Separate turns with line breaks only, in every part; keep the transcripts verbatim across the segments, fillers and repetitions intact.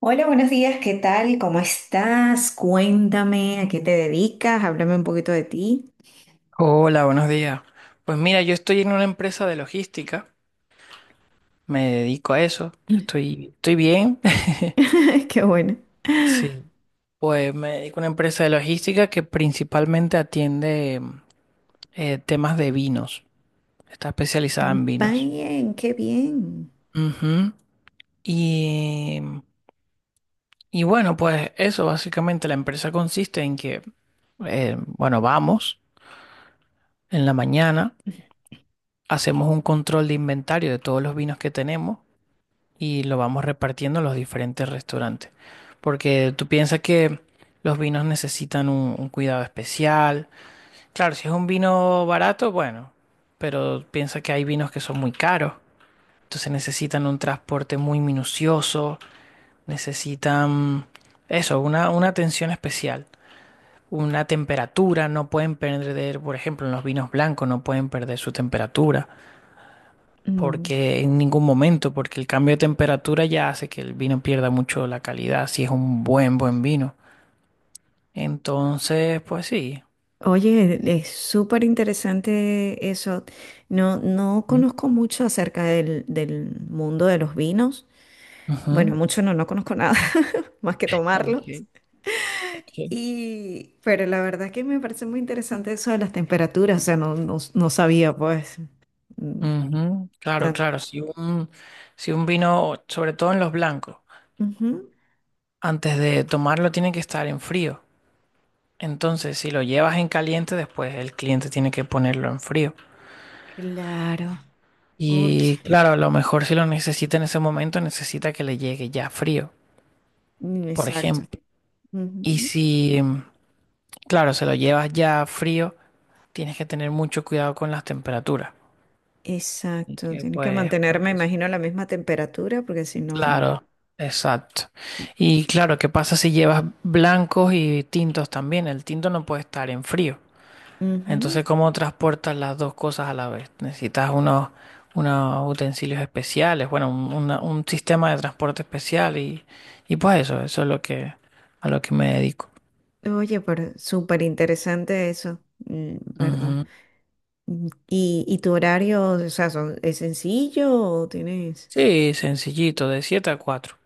Hola, buenos días, ¿qué tal? ¿Cómo estás? Cuéntame, ¿a qué te dedicas? Háblame un poquito de ti.
Hola, buenos días. Pues mira, yo estoy en una empresa de logística, me dedico a eso, estoy, estoy bien.
Qué bueno.
Sí, pues me dedico a una empresa de logística que principalmente atiende eh, temas de vinos, está especializada en vinos.
Bien, qué bien.
Ujú. Y, y bueno, pues eso, básicamente la empresa consiste en que, eh, bueno, vamos en la mañana, hacemos un control de inventario de todos los vinos que tenemos y lo vamos repartiendo a los diferentes restaurantes. Porque tú piensas que los vinos necesitan un, un cuidado especial. Claro, si es un vino barato, bueno, pero piensa que hay vinos que son muy caros. Entonces necesitan un transporte muy minucioso, necesitan eso, una, una atención especial. Una temperatura, no pueden perder, por ejemplo, en los vinos blancos no pueden perder su temperatura
Mm,
porque en ningún momento, porque el cambio de temperatura ya hace que el vino pierda mucho la calidad, si es un buen, buen vino. Entonces, pues sí.
Oye, es súper interesante eso. No, no
Mm.
conozco mucho acerca del, del mundo de los vinos. Bueno,
Ujú.
mucho no, no conozco nada más que tomarlos.
Ok, ok.
Y, pero la verdad que me parece muy interesante eso de las temperaturas. O sea, no, no, no sabía, pues, mm,
Ujú. Claro,
tan-
claro, si un, si un vino, sobre todo en los blancos,
Ujú.
antes de tomarlo tiene que estar en frío. Entonces, si lo llevas en caliente, después el cliente tiene que ponerlo en frío.
Claro. Oye,
Y claro, a lo mejor si lo necesita en ese momento, necesita que le llegue ya frío,
mm,
por
exacto.
ejemplo. Y
Ujú.
si, Claro, se lo llevas ya frío, tienes que tener mucho cuidado con las temperaturas. Y
Exacto.
que
Tiene que
pues,
mantenerme,
pues,
imagino, la misma temperatura porque si no...
claro, exacto. Y claro, ¿qué pasa si llevas blancos y tintos también? El tinto no puede estar en frío.
Ujú.
Entonces, ¿cómo transportas las dos cosas a la vez? Necesitas unos, unos utensilios especiales, bueno, un, una- un sistema de transporte especial y, y pues eso, eso es lo que, a lo que me dedico.
Oye, pero súper interesante eso, mm, ¿verdad?
Ujú.
Mm, ¿Y, y tu horario, o sea, son- es sencillo o tienes...
Sí, sencillito, de siete a cuatro.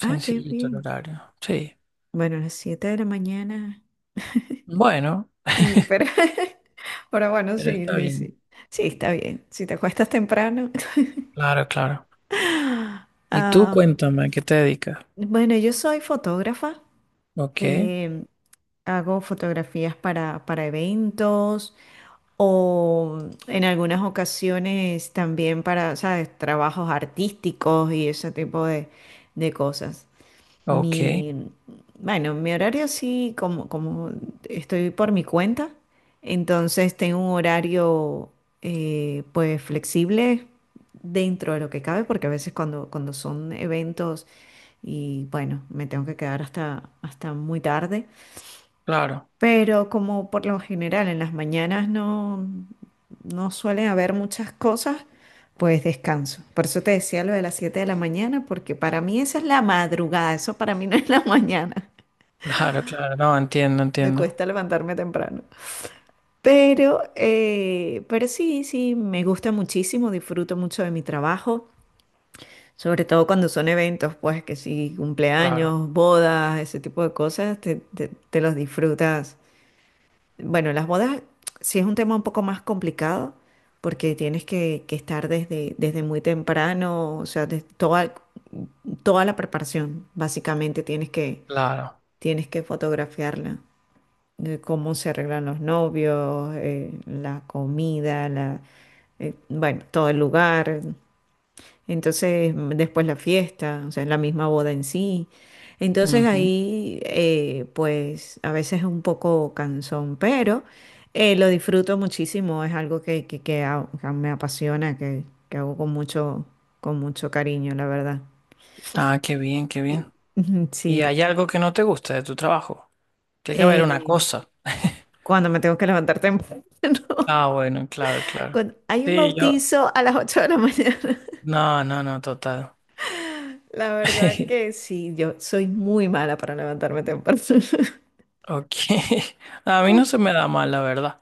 Ah, qué
el
bien.
horario. Sí.
Bueno, a las siete de la mañana.
Bueno,
Sí, pero... Pero bueno, sí,
pero está
sí,
bien.
sí. Sí, está bien. Si te acuestas temprano.
Claro, claro. Y tú
Ah.
cuéntame, ¿a qué te dedicas?
Bueno, yo soy fotógrafa,
Ok,
em, hago fotografías para, para eventos o en algunas ocasiones también para, ¿sabes? Trabajos artísticos y ese tipo de, de cosas.
ok.
Mi, bueno, mi horario sí, como, como estoy por mi cuenta, entonces tengo un horario eh, pues flexible dentro de lo que cabe, porque a veces cuando, cuando son eventos y bueno, me tengo que quedar hasta, hasta muy tarde,
Claro,
pero como por lo general en las mañanas no, no suelen haber muchas cosas, pues descanso. Por eso te decía lo de las siete de la mañana, porque para mí esa es la madrugada, eso para mí no es la mañana.
claro, claro. No, entiendo,
Me
entiendo.
cuesta levantarme temprano. Pero, eh, pero sí, sí, me gusta muchísimo, disfruto mucho de mi trabajo, sobre todo cuando son eventos, pues que sí,
Claro,
cumpleaños, bodas, ese tipo de cosas, te, te te los disfrutas. Bueno, las bodas sí es un tema un poco más complicado porque tienes que, que estar desde, desde muy temprano, o sea, de toda, toda la preparación, básicamente tienes que,
claro.
tienes que fotografiarla, de cómo se arreglan los novios, eh, la comida, la, eh, bueno, todo el lugar. Entonces, mm, después la fiesta, o sea, la misma boda en sí. Entonces
Ujú.
ahí, eh, pues a veces es un poco cansón, pero eh, lo disfruto muchísimo, es algo que, que, que ha- que me apasiona, que, que hago con mucho, con mucho cariño, la verdad.
Ah, qué bien, qué bien.
Ujú.
¿Y
Sí,
hay algo que no te gusta de tu trabajo? Tiene que haber una
eh,
cosa.
cuando me tengo que levantar temprano,
Ah, bueno, claro, claro.
cuando hay un
Sí, yo.
bautizo a las ocho de la mañana.
No, no, no, total.
La verdad que sí, yo soy muy mala para levantarme temprano.
Ok. A mí no se me da mal, la verdad.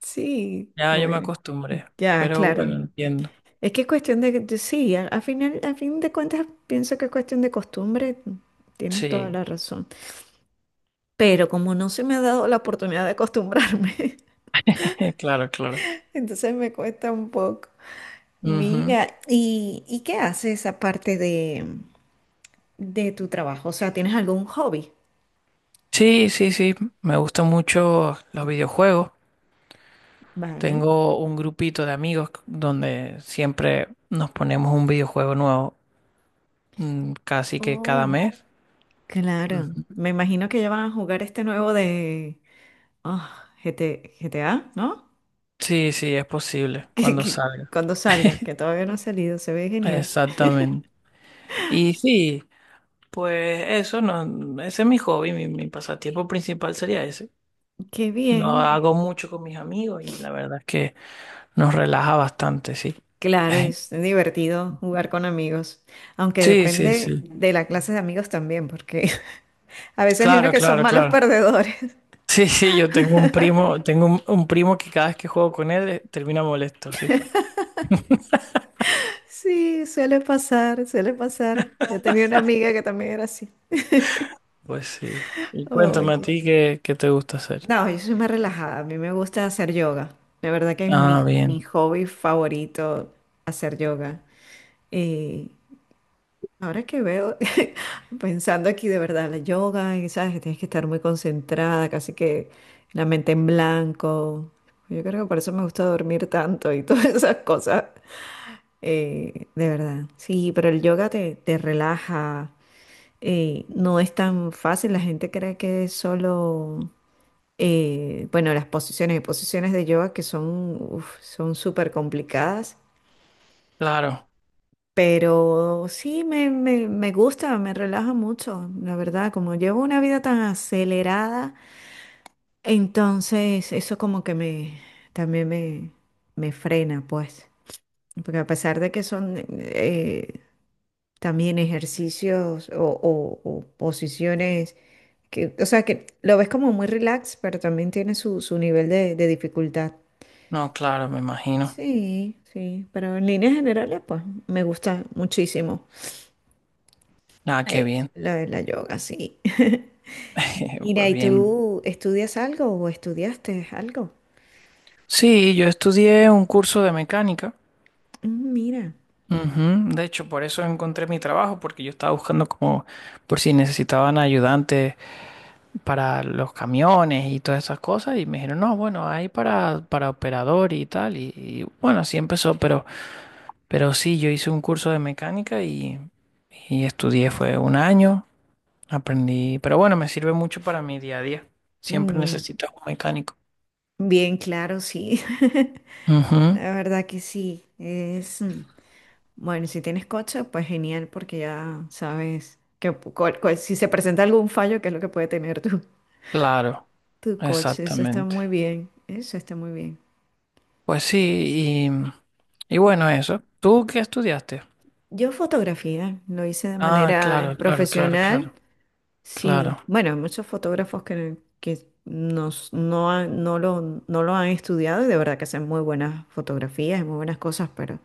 Sí,
Ya yo me
bueno.
acostumbré.
Ya,
Pero bueno,
claro.
entiendo.
Es que es cuestión de, de- sí, a, a final, a fin de cuentas pienso que es cuestión de costumbre, tienes toda
Sí.
la razón. Pero como no se me ha dado la oportunidad de acostumbrarme,
Claro, claro.
entonces me cuesta un poco.
Ujú.
Mira, ¿y, y qué haces aparte de, de tu trabajo? O sea, ¿tienes algún hobby?
Sí, sí, sí. Me gustan mucho los videojuegos.
Vale.
Tengo un grupito de amigos donde siempre nos ponemos un videojuego nuevo, mm, casi que cada
Oh,
mes.
claro.
Ujú.
Me imagino que ya van a jugar este nuevo de ah, GT G T A, ¿no?
Sí, sí, es posible
Que-
cuando
que-
salga.
cuando salga, que todavía no ha salido, se ve genial.
Exactamente. Y sí, pues eso no, ese es mi hobby, mi, mi pasatiempo principal sería ese.
Qué
Lo
bien.
hago mucho con mis amigos y la verdad es que nos relaja bastante, sí.
Claro, es divertido jugar con amigos, aunque
Sí, sí,
depende
sí.
de la clase de amigos también, porque a veces hay unos
Claro,
que son
claro,
malos
claro.
perdedores.
Sí, sí, yo tengo un primo, tengo un, un primo que cada vez que juego con él eh, termina molesto, sí.
Sí, suele pasar, suele pasar. Yo tenía una amiga que también era así.
Pues sí. Y cuéntame a
Oye.
ti qué, qué te gusta hacer.
No, yo soy más relajada. A mí me gusta hacer yoga. La verdad que es mi,
Ah,
mi
bien.
hobby favorito, hacer yoga. Eh, Ahora que veo, pensando aquí de verdad, la yoga, y sabes que tienes que estar muy concentrada, casi que la mente en blanco. Yo creo que por eso me gusta dormir tanto y todas esas cosas. Eh, de verdad. Sí, pero el yoga te, te relaja. Eh, no es tan fácil. La gente cree que es solo, eh, bueno, las posiciones y posiciones de yoga que son, uf, son súper complicadas.
Claro.
Pero sí, me, me, me gusta, me relaja mucho, la verdad, como llevo una vida tan acelerada, entonces eso como que me, también me, me frena, pues, porque a pesar de que son eh, también ejercicios o, o- o posiciones, que, o sea, que lo ves como muy relax, pero también tiene su, su nivel de, de dificultad.
No, claro, me imagino.
Sí, sí, pero en líneas generales, pues, me gusta muchísimo.
Ah, qué
Eh,
bien.
lo de la yoga, sí. Mira,
Pues
¿y
bien.
tú estudias algo o estudiaste algo?
Sí, yo estudié un curso de mecánica.
Mm. Mira,
Ujú. De hecho, por eso encontré mi trabajo, porque yo estaba buscando como por si necesitaban ayudantes para los camiones y todas esas cosas y me dijeron, no, bueno, hay para, para operador y tal y, y bueno, así empezó, pero, pero sí, yo hice un curso de mecánica y, y estudié, fue un año, aprendí, pero bueno, me sirve mucho para mi día a día, siempre
Mm,
necesito un mecánico.
bien claro, sí.
Ujú,
La verdad que sí. Es mm, bueno, si tienes coche, pues genial, porque ya sabes que pu- cuál- cuál- si se presenta algún fallo, ¿qué es lo que puede tener tu,
claro,
tu coche? Eso está
exactamente.
muy bien. Eso está muy bien.
Pues sí, y, y bueno, eso. ¿Tú qué estudiaste?
Yo fotografía, lo hice de
Ah,
manera
claro, claro, claro,
profesional.
claro,
Sí,
claro,
bueno, hay muchos fotógrafos que, que nos, no, han- no lo, no lo han estudiado y de verdad que hacen muy buenas fotografías y muy buenas cosas, pero,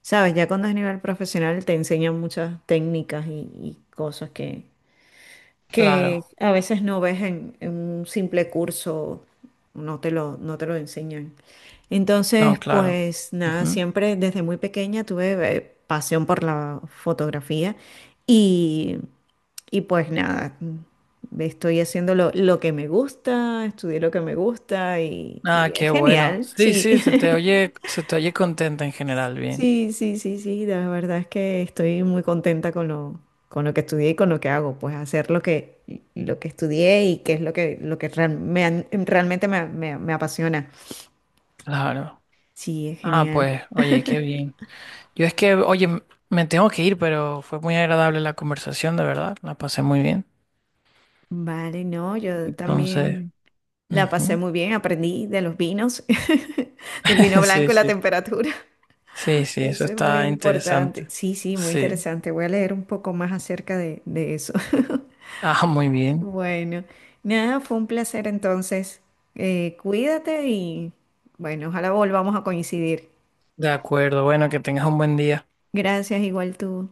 sabes, ya cuando es nivel profesional te enseñan muchas técnicas y, y cosas que, que
claro,
a veces no ves en, en un simple curso, no te lo, no te lo enseñan. Entonces,
no, claro.
pues nada,
Ujú.
siempre desde muy pequeña tuve eh, pasión por la fotografía y, y pues nada, mm, estoy haciendo lo, lo que me gusta, estudié lo que me gusta y,
Ah,
y es
qué bueno.
genial,
Sí,
sí.
sí, se te oye, se te oye contenta en general, bien.
Sí, sí, sí, sí, la verdad es que estoy muy contenta con lo, con lo que estudié y con lo que hago, pues hacer lo que, lo que estudié y que es lo que, lo que real- me han- realmente me, me- me apasiona.
Claro.
Sí, es
Ah,
genial.
pues, oye, qué bien. Yo es que, oye, m- me tengo que ir, pero fue muy agradable la conversación, de verdad. La pasé muy bien.
Vale, no, yo
Entonces,
también la pasé
ujú.
muy bien, aprendí de los vinos, del vino blanco
Sí,
y la
sí.
temperatura,
Sí, sí,
que
eso
eso es muy
está
importante.
interesante.
Sí, sí, muy
Sí.
interesante. Voy a leer un poco más acerca de, de eso.
Ah, muy bien.
Bueno, nada, fue un placer entonces. Eh, cuídate y bueno, ojalá volvamos a coincidir.
De acuerdo. Bueno, que tengas un buen día.
Gracias, igual tú.